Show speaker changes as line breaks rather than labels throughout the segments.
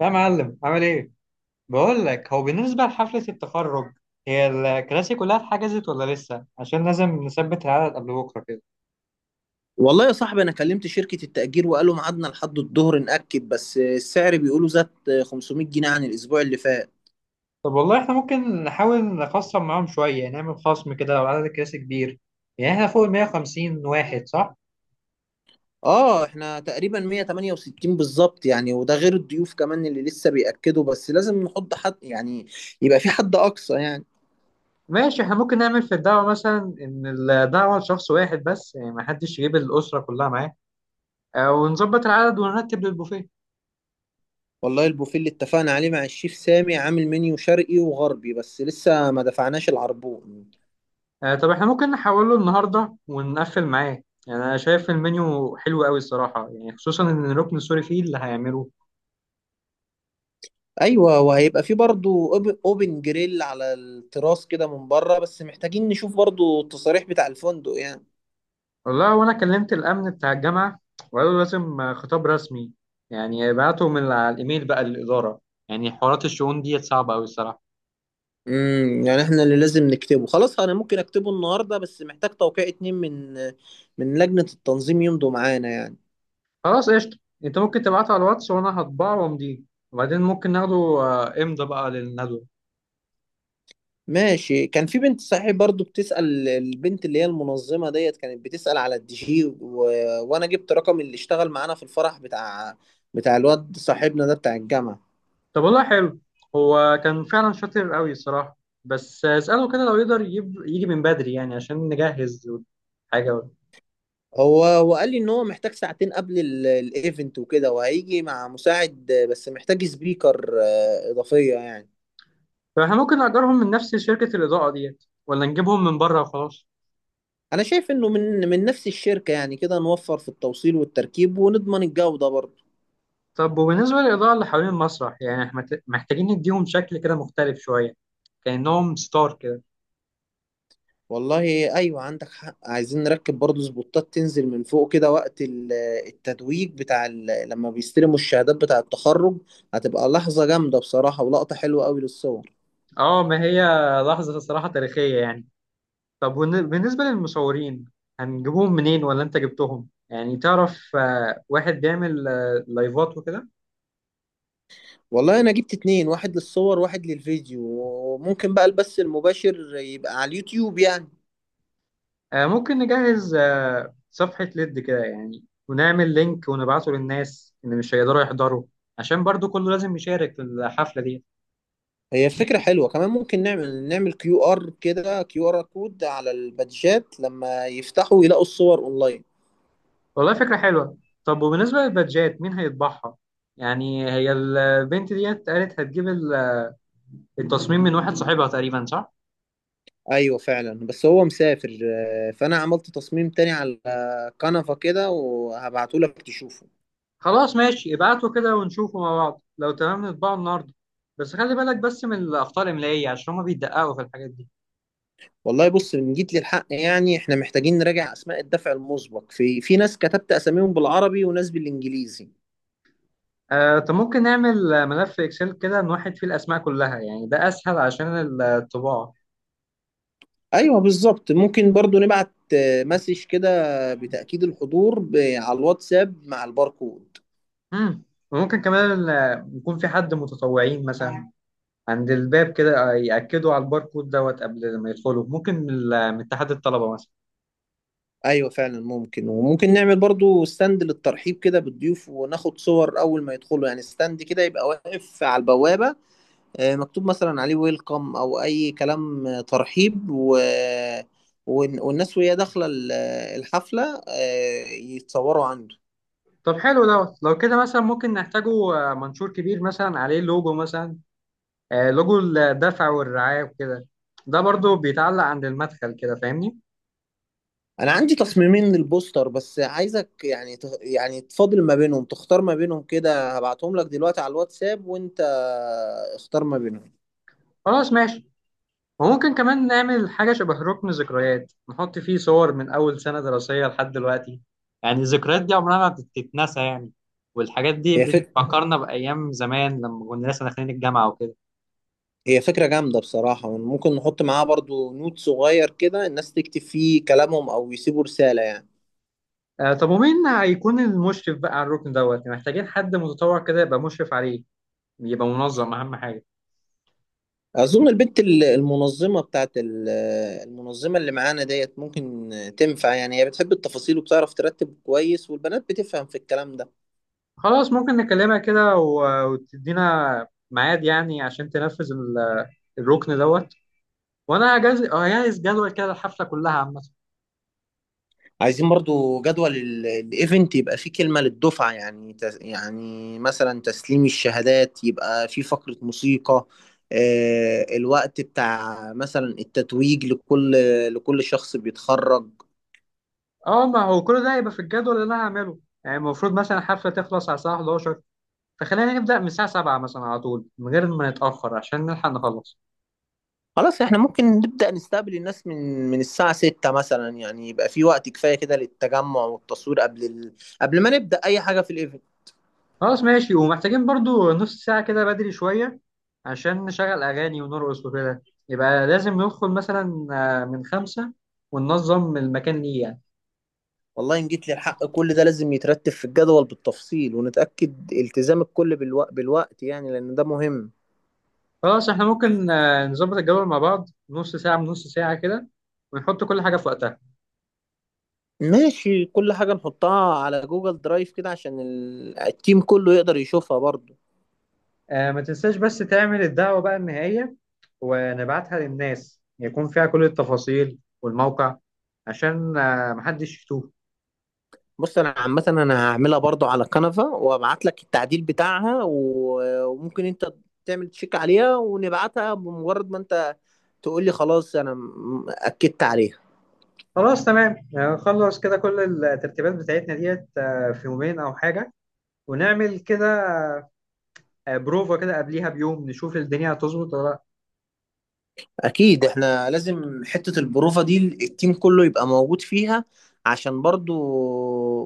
يا معلم عامل ايه؟ بقول لك هو بالنسبة لحفلة التخرج هي الكراسي كلها اتحجزت ولا لسه؟ عشان لازم نثبت العدد قبل بكرة كده.
والله يا صاحبي، انا كلمت شركة التأجير وقالوا ميعادنا لحد الظهر نأكد، بس السعر بيقولوا زاد 500 جنيه عن الاسبوع اللي فات.
طب والله احنا ممكن نحاول نخصم معاهم شوية نعمل خصم كده لو عدد الكراسي كبير. يعني احنا فوق ال 150 واحد صح؟
اه، احنا تقريبا 168 بالظبط يعني، وده غير الضيوف كمان اللي لسه بيأكدوا، بس لازم نحط حد يعني يبقى في حد اقصى يعني.
ماشي، احنا ممكن نعمل في الدعوة مثلا إن الدعوة لشخص واحد بس يعني ما حدش يجيب الأسرة كلها معاه. ونظبط العدد ونرتب للبوفيه.
والله البوفيه اللي اتفقنا عليه مع الشيف سامي عامل منيو شرقي وغربي، بس لسه ما دفعناش العربون.
آه، طب احنا ممكن نحوله النهارده ونقفل معاه يعني انا شايف المنيو حلو قوي الصراحه يعني خصوصا ان الركن السوري فيه اللي هيعمله.
ايوه، وهيبقى في برضه اوبن جريل على التراس كده من بره، بس محتاجين نشوف برضه التصاريح بتاع الفندق يعني.
والله وانا كلمت الامن بتاع الجامعه وقالوا لازم خطاب رسمي. يعني يبعتوا من على الايميل بقى للاداره. يعني حوارات الشؤون ديت صعبه قوي الصراحه.
يعني احنا اللي لازم نكتبه. خلاص، انا ممكن اكتبه النهارده، بس محتاج توقيع اتنين من لجنة التنظيم يمضوا معانا يعني.
خلاص، قشطه. انت ممكن تبعته على الواتس وانا هطبعه وامضيه. وبعدين ممكن ناخده امضى بقى للندوه.
ماشي، كان في بنت صحيح برضو بتسأل، البنت اللي هي المنظمة ديت كانت بتسأل على الDJ وانا جبت رقم اللي اشتغل معانا في الفرح بتاع الواد صاحبنا ده بتاع الجامعة.
طب والله حلو. هو كان فعلا شاطر قوي الصراحة. بس اسأله كده لو يقدر يجيب يجي من بدري يعني عشان نجهز حاجة.
هو وقال لي ان هو محتاج ساعتين قبل الايفنت وكده، وهيجي مع مساعد بس محتاج سبيكر اضافية يعني.
طب احنا ممكن نأجرهم من نفس شركة الإضاءة ديت ولا نجيبهم من بره وخلاص.
انا شايف انه من نفس الشركة، يعني كده نوفر في التوصيل والتركيب ونضمن الجودة برضه.
طب وبالنسبة للإضاءة اللي حوالين المسرح يعني احنا محتاجين نديهم شكل كده مختلف شوية، كأنهم ستار كده.
والله ايوه عندك حق، عايزين نركب برضه سبوتات تنزل من فوق كده وقت التتويج بتاع لما بيستلموا الشهادات بتاع التخرج. هتبقى لحظة جامدة بصراحة ولقطة حلوة قوي للصور.
اه ما هي، لحظة الصراحة تاريخية يعني. طب بالنسبة للمصورين، هنجيبهم منين ولا انت جبتهم يعني تعرف واحد بيعمل لايفات وكده.
والله انا جبت اتنين، واحد للصور واحد للفيديو، وممكن بقى البث المباشر يبقى على اليوتيوب يعني.
ممكن نجهز صفحة ليد كده يعني ونعمل لينك ونبعته للناس اللي مش هيقدروا يحضروا، عشان برضو كله لازم يشارك في الحفلة دي.
هي فكرة حلوة كمان، ممكن نعمل QR كده، QR كود على البادجات لما يفتحوا يلاقوا الصور اونلاين.
والله فكرة حلوة. طب وبالنسبة للبادجات مين هيطبعها؟ يعني هي البنت ديت قالت هتجيب التصميم من واحد صاحبها تقريبا صح؟
ايوه فعلا، بس هو مسافر، فانا عملت تصميم تاني على كنفة كده وهبعته لك تشوفه.
خلاص ماشي، ابعته كده ونشوفه مع بعض لو تمام نطبعه النهاردة. بس خلي بالك بس من الأخطاء الإملائية عشان هما بيدققوا في الحاجات دي.
والله بص، من جيت للحق يعني احنا محتاجين نراجع اسماء الدفع المسبق، في ناس كتبت اساميهم بالعربي وناس بالانجليزي.
طب ممكن نعمل ملف اكسل كده نوحد فيه الاسماء كلها يعني ده اسهل عشان الطباعه.
ايوه بالظبط، ممكن برضو نبعت مسج كده بتأكيد الحضور على الواتساب مع الباركود.
امم. وممكن كمان يكون في حد متطوعين مثلا عند الباب كده ياكدوا على الباركود دوت قبل ما يدخلوا، ممكن من من اتحاد الطلبه مثلا.
ايوه فعلا ممكن، وممكن نعمل برضو ستاند للترحيب كده بالضيوف، وناخد صور اول ما يدخلوا يعني. ستاند كده يبقى واقف على البوابة، مكتوب مثلا عليه ويلكم او اي كلام ترحيب، والناس وهي داخلة الحفلة يتصوروا عنده.
طب حلو دوت لو كده مثلا ممكن نحتاجه منشور كبير مثلا عليه لوجو مثلا، لوجو الدفع والرعايه وكده. ده برضو بيتعلق عند المدخل كده فاهمني.
انا عندي تصميمين للبوستر، بس عايزك يعني يعني تفاضل ما بينهم، تختار ما بينهم كده، هبعتهم لك دلوقتي على الواتساب وانت اختار ما بينهم.
خلاص ماشي. وممكن كمان نعمل حاجة شبه ركن ذكريات نحط فيه صور من أول سنة دراسية لحد دلوقتي. يعني الذكريات دي عمرها ما بتتنسى يعني. والحاجات دي
هي فكرة
بتفكرنا بأيام زمان لما كنا لسه داخلين الجامعة وكده.
هي فكرة جامدة بصراحة، ممكن نحط معاها برضو نوت صغير كده، الناس تكتب فيه كلامهم أو يسيبوا رسالة يعني.
آه طب ومين هيكون المشرف بقى على الركن دوت يعني محتاجين حد متطوع كده يبقى مشرف عليه، يبقى منظم أهم حاجة.
أظن البنت المنظمة المنظمة اللي معانا ديت ممكن تنفع يعني، هي بتحب التفاصيل وبتعرف ترتب كويس، والبنات بتفهم في الكلام ده.
خلاص ممكن نكلمها كده وتدينا ميعاد يعني عشان تنفذ الركن دوت. وأنا هجهز جدول كده الحفلة كلها عامة.
عايزين برضو جدول الايفنت يبقى فيه كلمة للدفعة يعني، يعني مثلا تسليم الشهادات، يبقى فيه فقرة موسيقى، الوقت بتاع مثلا التتويج لكل شخص بيتخرج.
اه ما هو كل ده هيبقى في الجدول اللي انا هعمله. يعني المفروض مثلا الحفله تخلص على الساعه 11، فخلينا نبدا من الساعه 7 مثلا على طول من غير ما نتاخر عشان نلحق نخلص.
خلاص، احنا ممكن نبدأ نستقبل الناس من الساعة 6 مثلا يعني، يبقى في وقت كفاية كده للتجمع والتصوير قبل قبل ما نبدأ أي حاجة في الايفنت.
خلاص ماشي، ومحتاجين برضو نص ساعه كده بدري شويه عشان نشغل اغاني ونرقص وكده. يبقى لازم ندخل مثلا من 5 وننظم المكان ليه يعني.
والله إن جيت للحق كل ده لازم يترتب في الجدول بالتفصيل، ونتأكد التزام الكل بالوقت يعني لأن ده مهم.
خلاص، احنا ممكن نظبط الجدول مع بعض نص ساعه من نص ساعه كده ونحط كل حاجه في وقتها.
ماشي، كل حاجة نحطها على جوجل درايف كده عشان التيم كله يقدر يشوفها برضو.
آه ما تنساش بس تعمل الدعوة بقى النهائية، ونبعتها للناس يكون فيها كل التفاصيل والموقع عشان محدش يتوه.
بص، انا عامة انا هعملها برضو على كنفة وابعت لك التعديل بتاعها وممكن انت تعمل تشيك عليها، ونبعتها بمجرد ما انت تقول لي خلاص انا اكدت عليها.
خلاص تمام، خلص كده كل الترتيبات بتاعتنا ديت في يومين أو حاجة، ونعمل كده بروفا كده قبليها بيوم نشوف الدنيا هتظبط ولا لا.
اكيد، احنا لازم حتة البروفة دي التيم كله يبقى موجود فيها عشان برضو.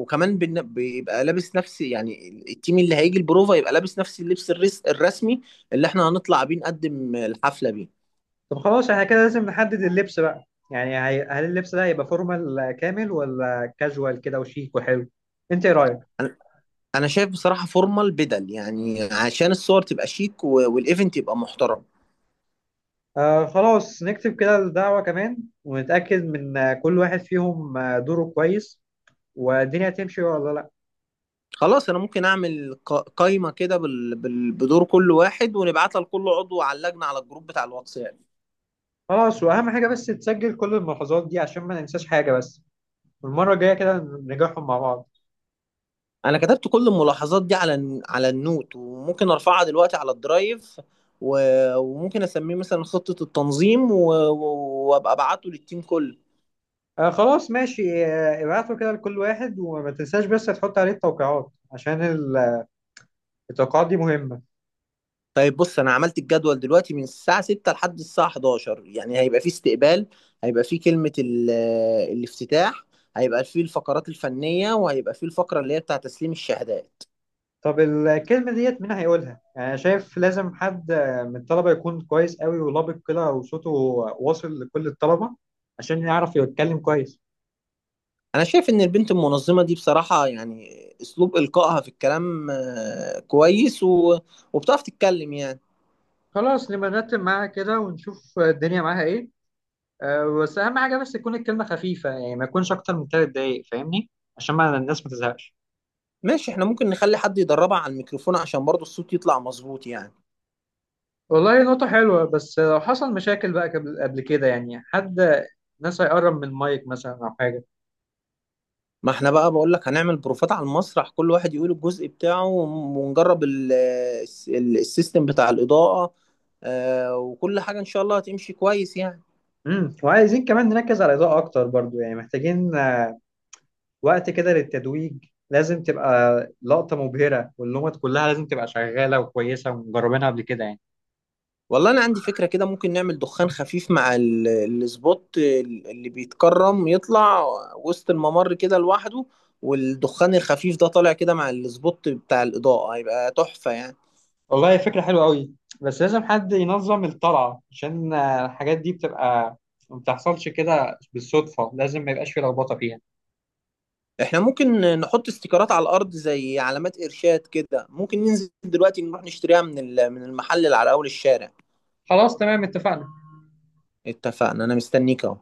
وكمان بيبقى لابس نفس يعني، التيم اللي هيجي البروفة يبقى لابس نفس اللبس الرسمي اللي احنا هنطلع بيه نقدم الحفلة بيه.
طب خلاص، احنا كده لازم نحدد اللبس بقى. يعني هل اللبس ده هيبقى فورمال كامل ولا كاجوال كده وشيك وحلو؟ انت ايه رأيك؟
انا أنا شايف بصراحة فورمال بدل يعني، عشان الصور تبقى شيك والايفنت يبقى محترم.
آه خلاص، نكتب كده الدعوة كمان، ونتأكد من كل واحد فيهم دوره كويس والدنيا هتمشي ولا لأ.
خلاص، انا ممكن اعمل قايمة كده بدور كل واحد، ونبعتها لكل عضو على اللجنة على الجروب بتاع الواتساب.
خلاص، وأهم حاجة بس تسجل كل الملاحظات دي عشان ما ننساش حاجة بس، والمرة الجاية كده نراجعهم مع بعض.
انا كتبت كل الملاحظات دي على النوت، وممكن ارفعها دلوقتي على الدرايف وممكن اسميه مثلا خطة التنظيم وابقى ابعته للتيم كله.
آه خلاص ماشي، ابعتوا كده لكل واحد وما تنساش بس تحط عليه التوقيعات عشان التوقيعات دي مهمة.
طيب بص، انا عملت الجدول دلوقتي من الساعة 6 لحد الساعة 11 يعني. هيبقى فيه استقبال، هيبقى فيه كلمة الافتتاح، هيبقى فيه الفقرات الفنية، وهيبقى فيه الفقرة اللي هي بتاع تسليم الشهادات.
طب الكلمة ديت مين هيقولها؟ يعني أنا شايف لازم حد من الطلبة يكون كويس قوي ولبق كده وصوته واصل لكل الطلبة عشان يعرف يتكلم كويس.
انا شايف ان البنت المنظمة دي بصراحة يعني، اسلوب القائها في الكلام كويس وبتعرف تتكلم يعني.
خلاص نبقى نرتب معاها كده ونشوف الدنيا معاها ايه. أه بس اهم حاجه بس تكون الكلمه خفيفه يعني ما يكونش اكتر من 3 دقايق فاهمني، عشان ما الناس ما تزهقش.
ماشي، احنا ممكن نخلي حد يدربها على الميكروفون عشان برضو الصوت يطلع مظبوط يعني.
والله نقطه حلوه، بس لو حصل مشاكل بقى قبل كده يعني حد ناس هيقرب من المايك مثلا او حاجه.
ما احنا بقى بقول لك، هنعمل بروفات على المسرح كل واحد يقول الجزء بتاعه، ونجرب السيستم بتاع الإضاءة، وكل حاجة ان شاء الله هتمشي كويس يعني.
وعايزين كمان نركز على الاضاءه اكتر برضو يعني محتاجين وقت كده للتتويج، لازم تبقى لقطه مبهره واللومات كلها لازم تبقى شغاله وكويسه ومجربينها قبل كده يعني.
والله انا عندي فكرة كده، ممكن نعمل دخان خفيف مع السبوت اللي بيتكرم يطلع وسط الممر كده لوحده، والدخان الخفيف ده طالع كده مع السبوت بتاع الإضاءة هيبقى تحفة يعني.
والله فكرة حلوة قوي. بس لازم حد ينظم الطلعة عشان الحاجات دي بتبقى ما بتحصلش كده بالصدفة لازم ما يبقاش في لخبطة فيها.
احنا ممكن نحط استيكرات على الارض زي علامات ارشاد كده، ممكن ننزل دلوقتي نروح نشتريها من المحل اللي على اول الشارع.
خلاص تمام، اتفقنا.
اتفقنا. انا مستنيك اهو.